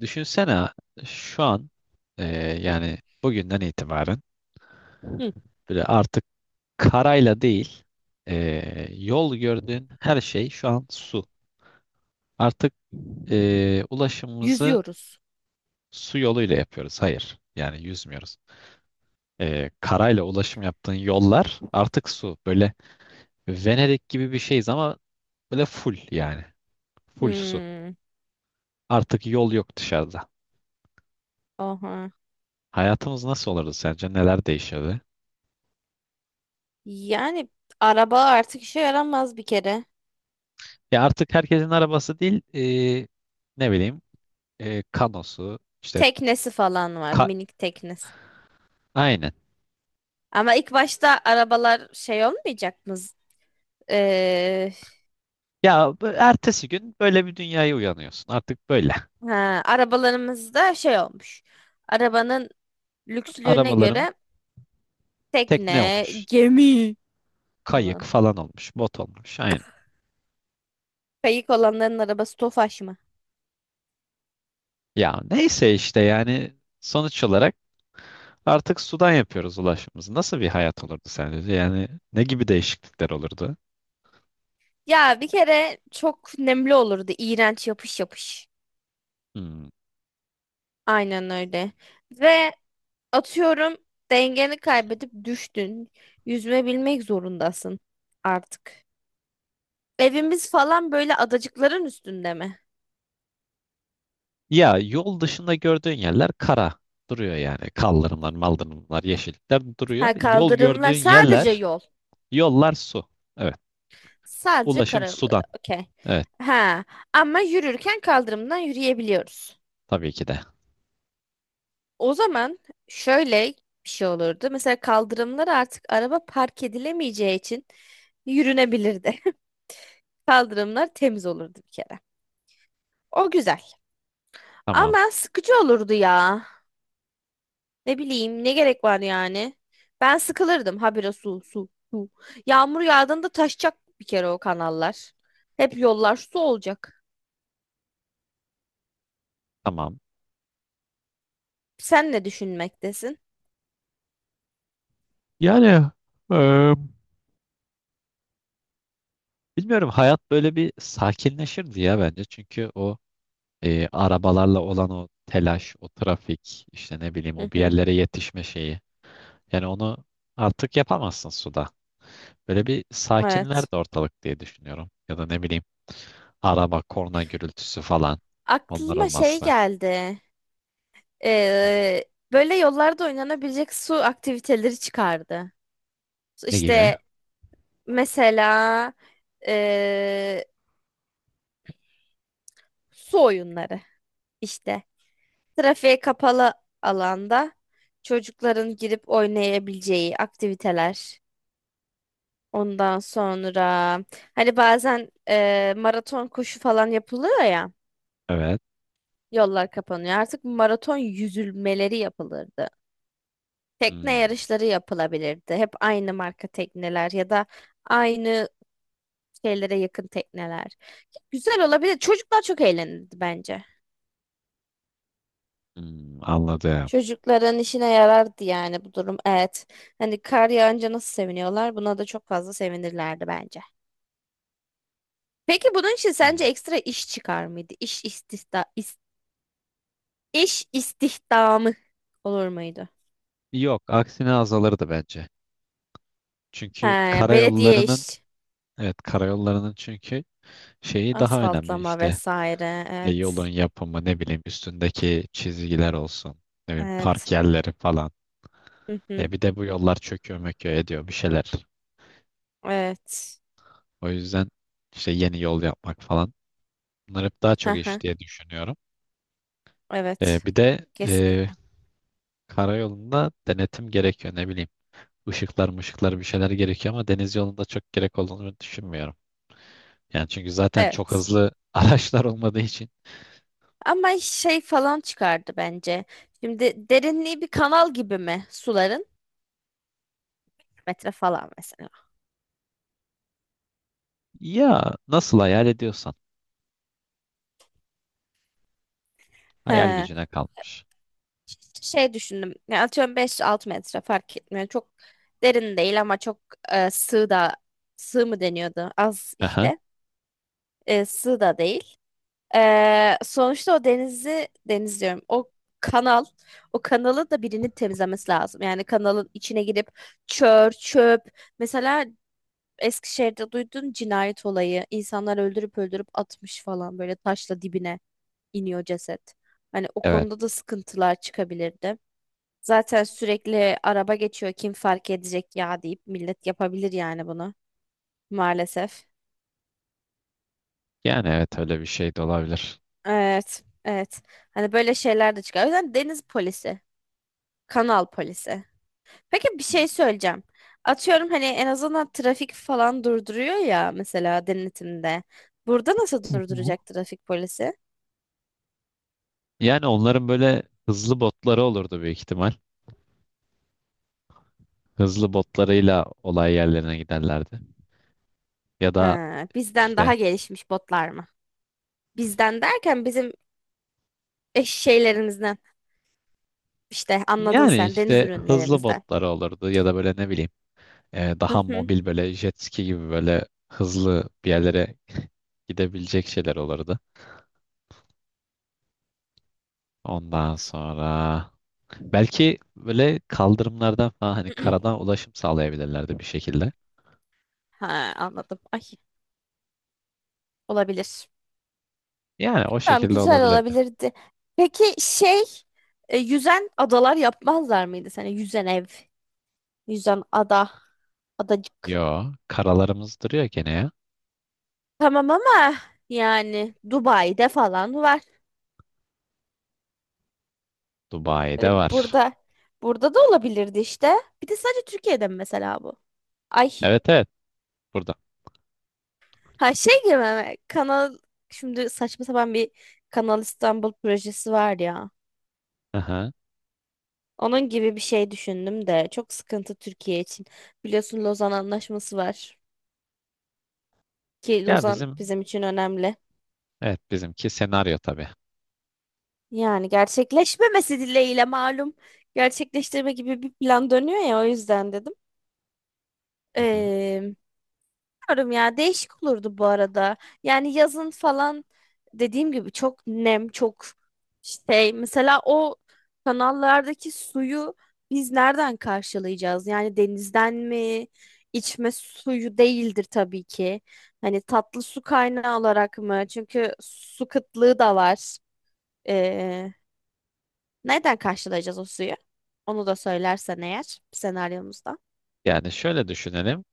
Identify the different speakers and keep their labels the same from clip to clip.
Speaker 1: Düşünsene şu an e,
Speaker 2: Hı.
Speaker 1: yani bugünden itibaren
Speaker 2: Hı.
Speaker 1: böyle artık karayla değil yol gördüğün her şey şu an su. Artık ulaşımımızı
Speaker 2: Yüzüyoruz.
Speaker 1: su yoluyla yapıyoruz. Hayır yani yüzmüyoruz. Karayla ulaşım yaptığın yollar artık su. Böyle Venedik gibi bir şeyiz ama böyle full yani. Full su.
Speaker 2: Hmm,
Speaker 1: Artık yol yok dışarıda.
Speaker 2: oha.
Speaker 1: Hayatımız nasıl olurdu sence? Neler değişirdi?
Speaker 2: Yani araba artık işe yaramaz bir kere.
Speaker 1: Ya artık herkesin arabası değil e, ne bileyim kanosu işte
Speaker 2: Teknesi falan var,
Speaker 1: ka-
Speaker 2: minik teknesi.
Speaker 1: aynen.
Speaker 2: Ama ilk başta arabalar şey olmayacak mı? Ee,
Speaker 1: Ya ertesi gün böyle bir dünyaya uyanıyorsun. Artık böyle.
Speaker 2: ha, arabalarımızda şey olmuş. Arabanın lükslüğüne
Speaker 1: Arabalarım
Speaker 2: göre
Speaker 1: tekne
Speaker 2: tekne,
Speaker 1: olmuş.
Speaker 2: gemi
Speaker 1: Kayık
Speaker 2: falan.
Speaker 1: falan olmuş. Bot olmuş. Aynen.
Speaker 2: Kayık olanların arabası Tofaş mı?
Speaker 1: Ya neyse işte yani sonuç olarak artık sudan yapıyoruz ulaşımımızı. Nasıl bir hayat olurdu sence? Yani ne gibi değişiklikler olurdu?
Speaker 2: Ya bir kere çok nemli olurdu. İğrenç yapış yapış.
Speaker 1: Hmm.
Speaker 2: Aynen öyle. Ve atıyorum, dengeni kaybedip düştün. Yüzme bilmek zorundasın artık. Evimiz falan böyle adacıkların üstünde mi?
Speaker 1: Ya yol dışında gördüğün yerler kara duruyor yani. Kaldırımlar, maldırımlar, yeşillikler duruyor.
Speaker 2: Ha,
Speaker 1: Yol
Speaker 2: kaldırımlar
Speaker 1: gördüğün
Speaker 2: sadece
Speaker 1: yerler,
Speaker 2: yol.
Speaker 1: yollar su. Evet.
Speaker 2: Sadece
Speaker 1: Ulaşım sudan.
Speaker 2: karaları. Okey.
Speaker 1: Evet.
Speaker 2: Ha, ama yürürken kaldırımdan yürüyebiliyoruz.
Speaker 1: Tabii ki de.
Speaker 2: O zaman şöyle bir şey olurdu. Mesela kaldırımlar artık araba park edilemeyeceği için yürünebilirdi. Kaldırımlar temiz olurdu bir kere. O güzel.
Speaker 1: Tamam,
Speaker 2: Ama sıkıcı olurdu ya. Ne bileyim, ne gerek var yani? Ben sıkılırdım habire su su su. Yağmur yağdığında taşacak bir kere o kanallar. Hep yollar su olacak.
Speaker 1: tamam.
Speaker 2: Sen ne düşünmektesin?
Speaker 1: Yani eee, bilmiyorum hayat böyle bir sakinleşirdi ya bence. Çünkü o arabalarla olan o telaş, o trafik, işte ne bileyim
Speaker 2: Hı
Speaker 1: o bir
Speaker 2: hı.
Speaker 1: yerlere yetişme şeyi. Yani onu artık yapamazsın suda. Böyle bir
Speaker 2: Evet.
Speaker 1: sakinlerdi ortalık diye düşünüyorum. Ya da ne bileyim araba, korna gürültüsü falan. Onlar
Speaker 2: Aklıma şey
Speaker 1: olmazdı.
Speaker 2: geldi. Ee, böyle yollarda oynanabilecek su aktiviteleri çıkardı.
Speaker 1: Ne gibi?
Speaker 2: İşte mesela ee, su oyunları işte. Trafiğe kapalı alanda çocukların girip oynayabileceği aktiviteler. Ondan sonra hani bazen maraton koşu falan yapılıyor ya.
Speaker 1: Evet.
Speaker 2: Yollar kapanıyor. Artık maraton yüzülmeleri yapılırdı. Tekne
Speaker 1: Hmm,
Speaker 2: yarışları yapılabilirdi. Hep aynı marka tekneler ya da aynı şeylere yakın tekneler. Güzel olabilir. Çocuklar çok eğlenirdi bence.
Speaker 1: hmm, anladım.
Speaker 2: Çocukların işine yarardı yani bu durum. Evet. Hani kar yağınca nasıl seviniyorlar? Buna da çok fazla sevinirlerdi bence. Peki bunun için sence
Speaker 1: Hmm.
Speaker 2: ekstra iş çıkar mıydı? İş istihdamı olur muydu?
Speaker 1: Yok, aksine azalırdı bence. Çünkü
Speaker 2: He, belediye
Speaker 1: karayollarının
Speaker 2: iş,
Speaker 1: evet karayollarının çünkü şeyi daha önemli
Speaker 2: asfaltlama
Speaker 1: işte.
Speaker 2: vesaire.
Speaker 1: Yolun
Speaker 2: Evet.
Speaker 1: yapımı, ne bileyim üstündeki çizgiler olsun, ne bileyim
Speaker 2: Evet.
Speaker 1: park yerleri falan.
Speaker 2: Hı hı.
Speaker 1: Bir de bu yollar çöküyor möküyor ediyor bir şeyler.
Speaker 2: Evet.
Speaker 1: O yüzden işte yeni yol yapmak falan, bunlar hep daha
Speaker 2: Hı
Speaker 1: çok
Speaker 2: hı.
Speaker 1: iş diye düşünüyorum. E,
Speaker 2: Evet.
Speaker 1: bir de
Speaker 2: Kesinlikle.
Speaker 1: karayolunda denetim gerekiyor, ne bileyim ışıklar mışıklar bir şeyler gerekiyor, ama deniz yolunda çok gerek olduğunu düşünmüyorum. Yani çünkü zaten çok
Speaker 2: Evet.
Speaker 1: hızlı araçlar olmadığı için.
Speaker 2: Ama şey falan çıkardı bence. Şimdi derinliği bir kanal gibi mi suların? Metre falan mesela.
Speaker 1: Ya nasıl hayal ediyorsan. Hayal
Speaker 2: He.
Speaker 1: gücüne kalmış.
Speaker 2: İşte şey düşündüm. Ya atıyorum beş 6 metre fark etmiyor. Çok derin değil ama çok sığ da sığ mı deniyordu? Az
Speaker 1: Aha,
Speaker 2: işte. Sığ da değil. Sonuçta o denizi deniz diyorum. Kanal o kanalı da birinin temizlemesi lazım. Yani kanalın içine girip çör, çöp. Mesela Eskişehir'de duyduğun cinayet olayı. İnsanlar öldürüp öldürüp atmış falan, böyle taşla dibine iniyor ceset. Hani o
Speaker 1: evet.
Speaker 2: konuda da sıkıntılar çıkabilirdi. Zaten sürekli araba geçiyor, kim fark edecek ya deyip millet yapabilir yani bunu, maalesef.
Speaker 1: Yani evet öyle bir şey de olabilir.
Speaker 2: Evet, evet. Hani böyle şeyler de çıkıyor. O yüzden deniz polisi, kanal polisi. Peki, bir şey söyleyeceğim. Atıyorum hani en azından trafik falan durduruyor ya mesela denetimde. Burada nasıl
Speaker 1: Hı hı.
Speaker 2: durduracak trafik polisi?
Speaker 1: Yani onların böyle hızlı botları olurdu büyük ihtimal. Hızlı botlarıyla olay yerlerine giderlerdi. Ya da
Speaker 2: Ha, bizden
Speaker 1: işte,
Speaker 2: daha gelişmiş botlar mı? Bizden derken bizim eş şeylerimizden, işte anladın
Speaker 1: yani
Speaker 2: sen, deniz
Speaker 1: işte hızlı
Speaker 2: ürünlerimizden.
Speaker 1: botları olurdu ya da böyle ne bileyim daha mobil böyle jet ski gibi böyle hızlı bir yerlere gidebilecek şeyler olurdu. Ondan sonra belki böyle kaldırımlardan falan, hani karadan ulaşım sağlayabilirlerdi bir şekilde.
Speaker 2: Ha, anladım. Ay. Olabilir.
Speaker 1: Yani o
Speaker 2: Tamam,
Speaker 1: şekilde
Speaker 2: güzel
Speaker 1: olabilirdi.
Speaker 2: olabilirdi. Peki şey, yüzen adalar yapmazlar mıydı sana? Yüzen ev, yüzen ada, adacık.
Speaker 1: Yo, karalarımız duruyor gene ya.
Speaker 2: Tamam ama yani Dubai'de falan var.
Speaker 1: Dubai'de
Speaker 2: Hani
Speaker 1: var.
Speaker 2: burada da olabilirdi işte. Bir de sadece Türkiye'de mi mesela bu? Ay,
Speaker 1: Evet, evet, burada.
Speaker 2: ha şey gibi mi? Kanal, şimdi saçma sapan bir Kanal İstanbul projesi var ya.
Speaker 1: Aha.
Speaker 2: Onun gibi bir şey düşündüm de çok sıkıntı Türkiye için. Biliyorsun, Lozan Anlaşması var. Ki
Speaker 1: Ya
Speaker 2: Lozan
Speaker 1: bizim,
Speaker 2: bizim için önemli.
Speaker 1: evet bizimki senaryo tabii.
Speaker 2: Yani gerçekleşmemesi dileğiyle, malum. Gerçekleştirme gibi bir plan dönüyor ya, o yüzden dedim.
Speaker 1: Hı hı.
Speaker 2: Ee, bilmiyorum ya, değişik olurdu bu arada. Yani yazın falan, dediğim gibi, çok nem, çok şey. Mesela o kanallardaki suyu biz nereden karşılayacağız? Yani denizden mi? İçme suyu değildir tabii ki. Hani tatlı su kaynağı olarak mı? Çünkü su kıtlığı da var. Ee, nereden karşılayacağız o suyu? Onu da söylersen eğer senaryomuzda.
Speaker 1: Yani şöyle düşünelim.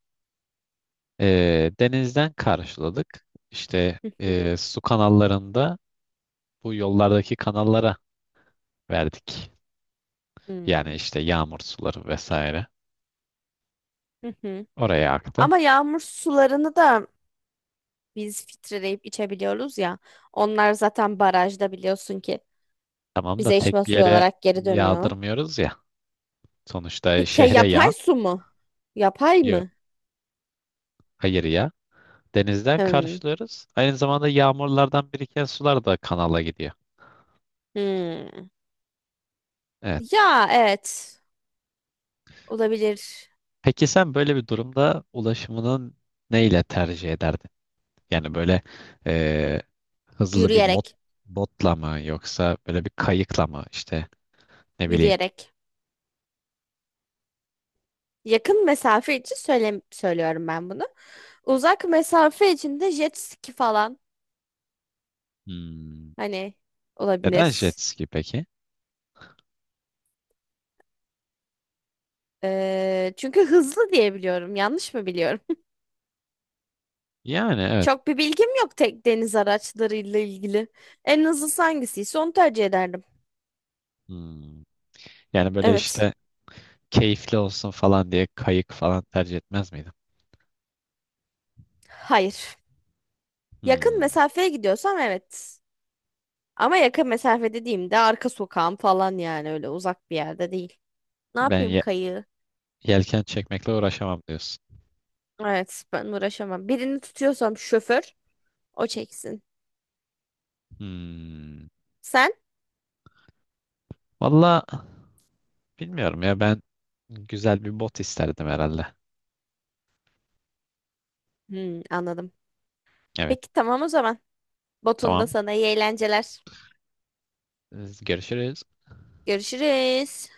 Speaker 1: Denizden karşıladık. İşte
Speaker 2: Hı hı.
Speaker 1: su kanallarında, bu yollardaki kanallara verdik. Yani
Speaker 2: Hmm.
Speaker 1: işte yağmur suları vesaire.
Speaker 2: Hı hı.
Speaker 1: Oraya aktı.
Speaker 2: Ama yağmur sularını da biz filtreleyip içebiliyoruz ya. Onlar zaten barajda, biliyorsun ki
Speaker 1: Tamam da
Speaker 2: bize içme
Speaker 1: tek bir
Speaker 2: suyu
Speaker 1: yere
Speaker 2: olarak geri dönüyor.
Speaker 1: yağdırmıyoruz ya. Sonuçta
Speaker 2: Peki ya
Speaker 1: şehre
Speaker 2: yapay
Speaker 1: yağ,
Speaker 2: su mu? Yapay
Speaker 1: yok,
Speaker 2: mı?
Speaker 1: hayır ya. Denizden
Speaker 2: Hmm.
Speaker 1: karşılıyoruz. Aynı zamanda yağmurlardan biriken sular da kanala gidiyor.
Speaker 2: Hmm.
Speaker 1: Evet.
Speaker 2: Ya evet. Olabilir.
Speaker 1: Peki sen böyle bir durumda ulaşımının neyle tercih ederdin? Yani böyle eee, hızlı bir
Speaker 2: Yürüyerek.
Speaker 1: botla mı, yoksa böyle bir kayıkla mı, işte ne bileyim.
Speaker 2: Yürüyerek. Yakın mesafe için söyle söylüyorum ben bunu. Uzak mesafe içinde jet ski falan,
Speaker 1: Hmm.
Speaker 2: hani,
Speaker 1: Neden jet
Speaker 2: olabilir.
Speaker 1: ski peki?
Speaker 2: Çünkü hızlı diye biliyorum. Yanlış mı biliyorum?
Speaker 1: Yani evet.
Speaker 2: Çok bir bilgim yok tek deniz araçlarıyla ilgili. En hızlısı hangisiyse onu tercih ederdim.
Speaker 1: Hmm. Yani böyle
Speaker 2: Evet.
Speaker 1: işte keyifli olsun falan diye kayık falan tercih etmez miydim?
Speaker 2: Hayır. Yakın
Speaker 1: Hmm.
Speaker 2: mesafeye gidiyorsam evet. Ama yakın mesafe dediğimde arka sokağım falan, yani öyle uzak bir yerde değil. Ne
Speaker 1: Ben
Speaker 2: yapayım kayığı?
Speaker 1: yelken çekmekle uğraşamam diyorsun.
Speaker 2: Evet, ben uğraşamam. Birini tutuyorsam şoför, o çeksin.
Speaker 1: Hmm.
Speaker 2: Sen?
Speaker 1: Valla bilmiyorum ya, ben güzel bir bot isterdim herhalde.
Speaker 2: Hmm, anladım.
Speaker 1: Evet,
Speaker 2: Peki tamam o zaman. Botunda
Speaker 1: tamam.
Speaker 2: sana iyi eğlenceler.
Speaker 1: Görüşürüz.
Speaker 2: Görüşürüz.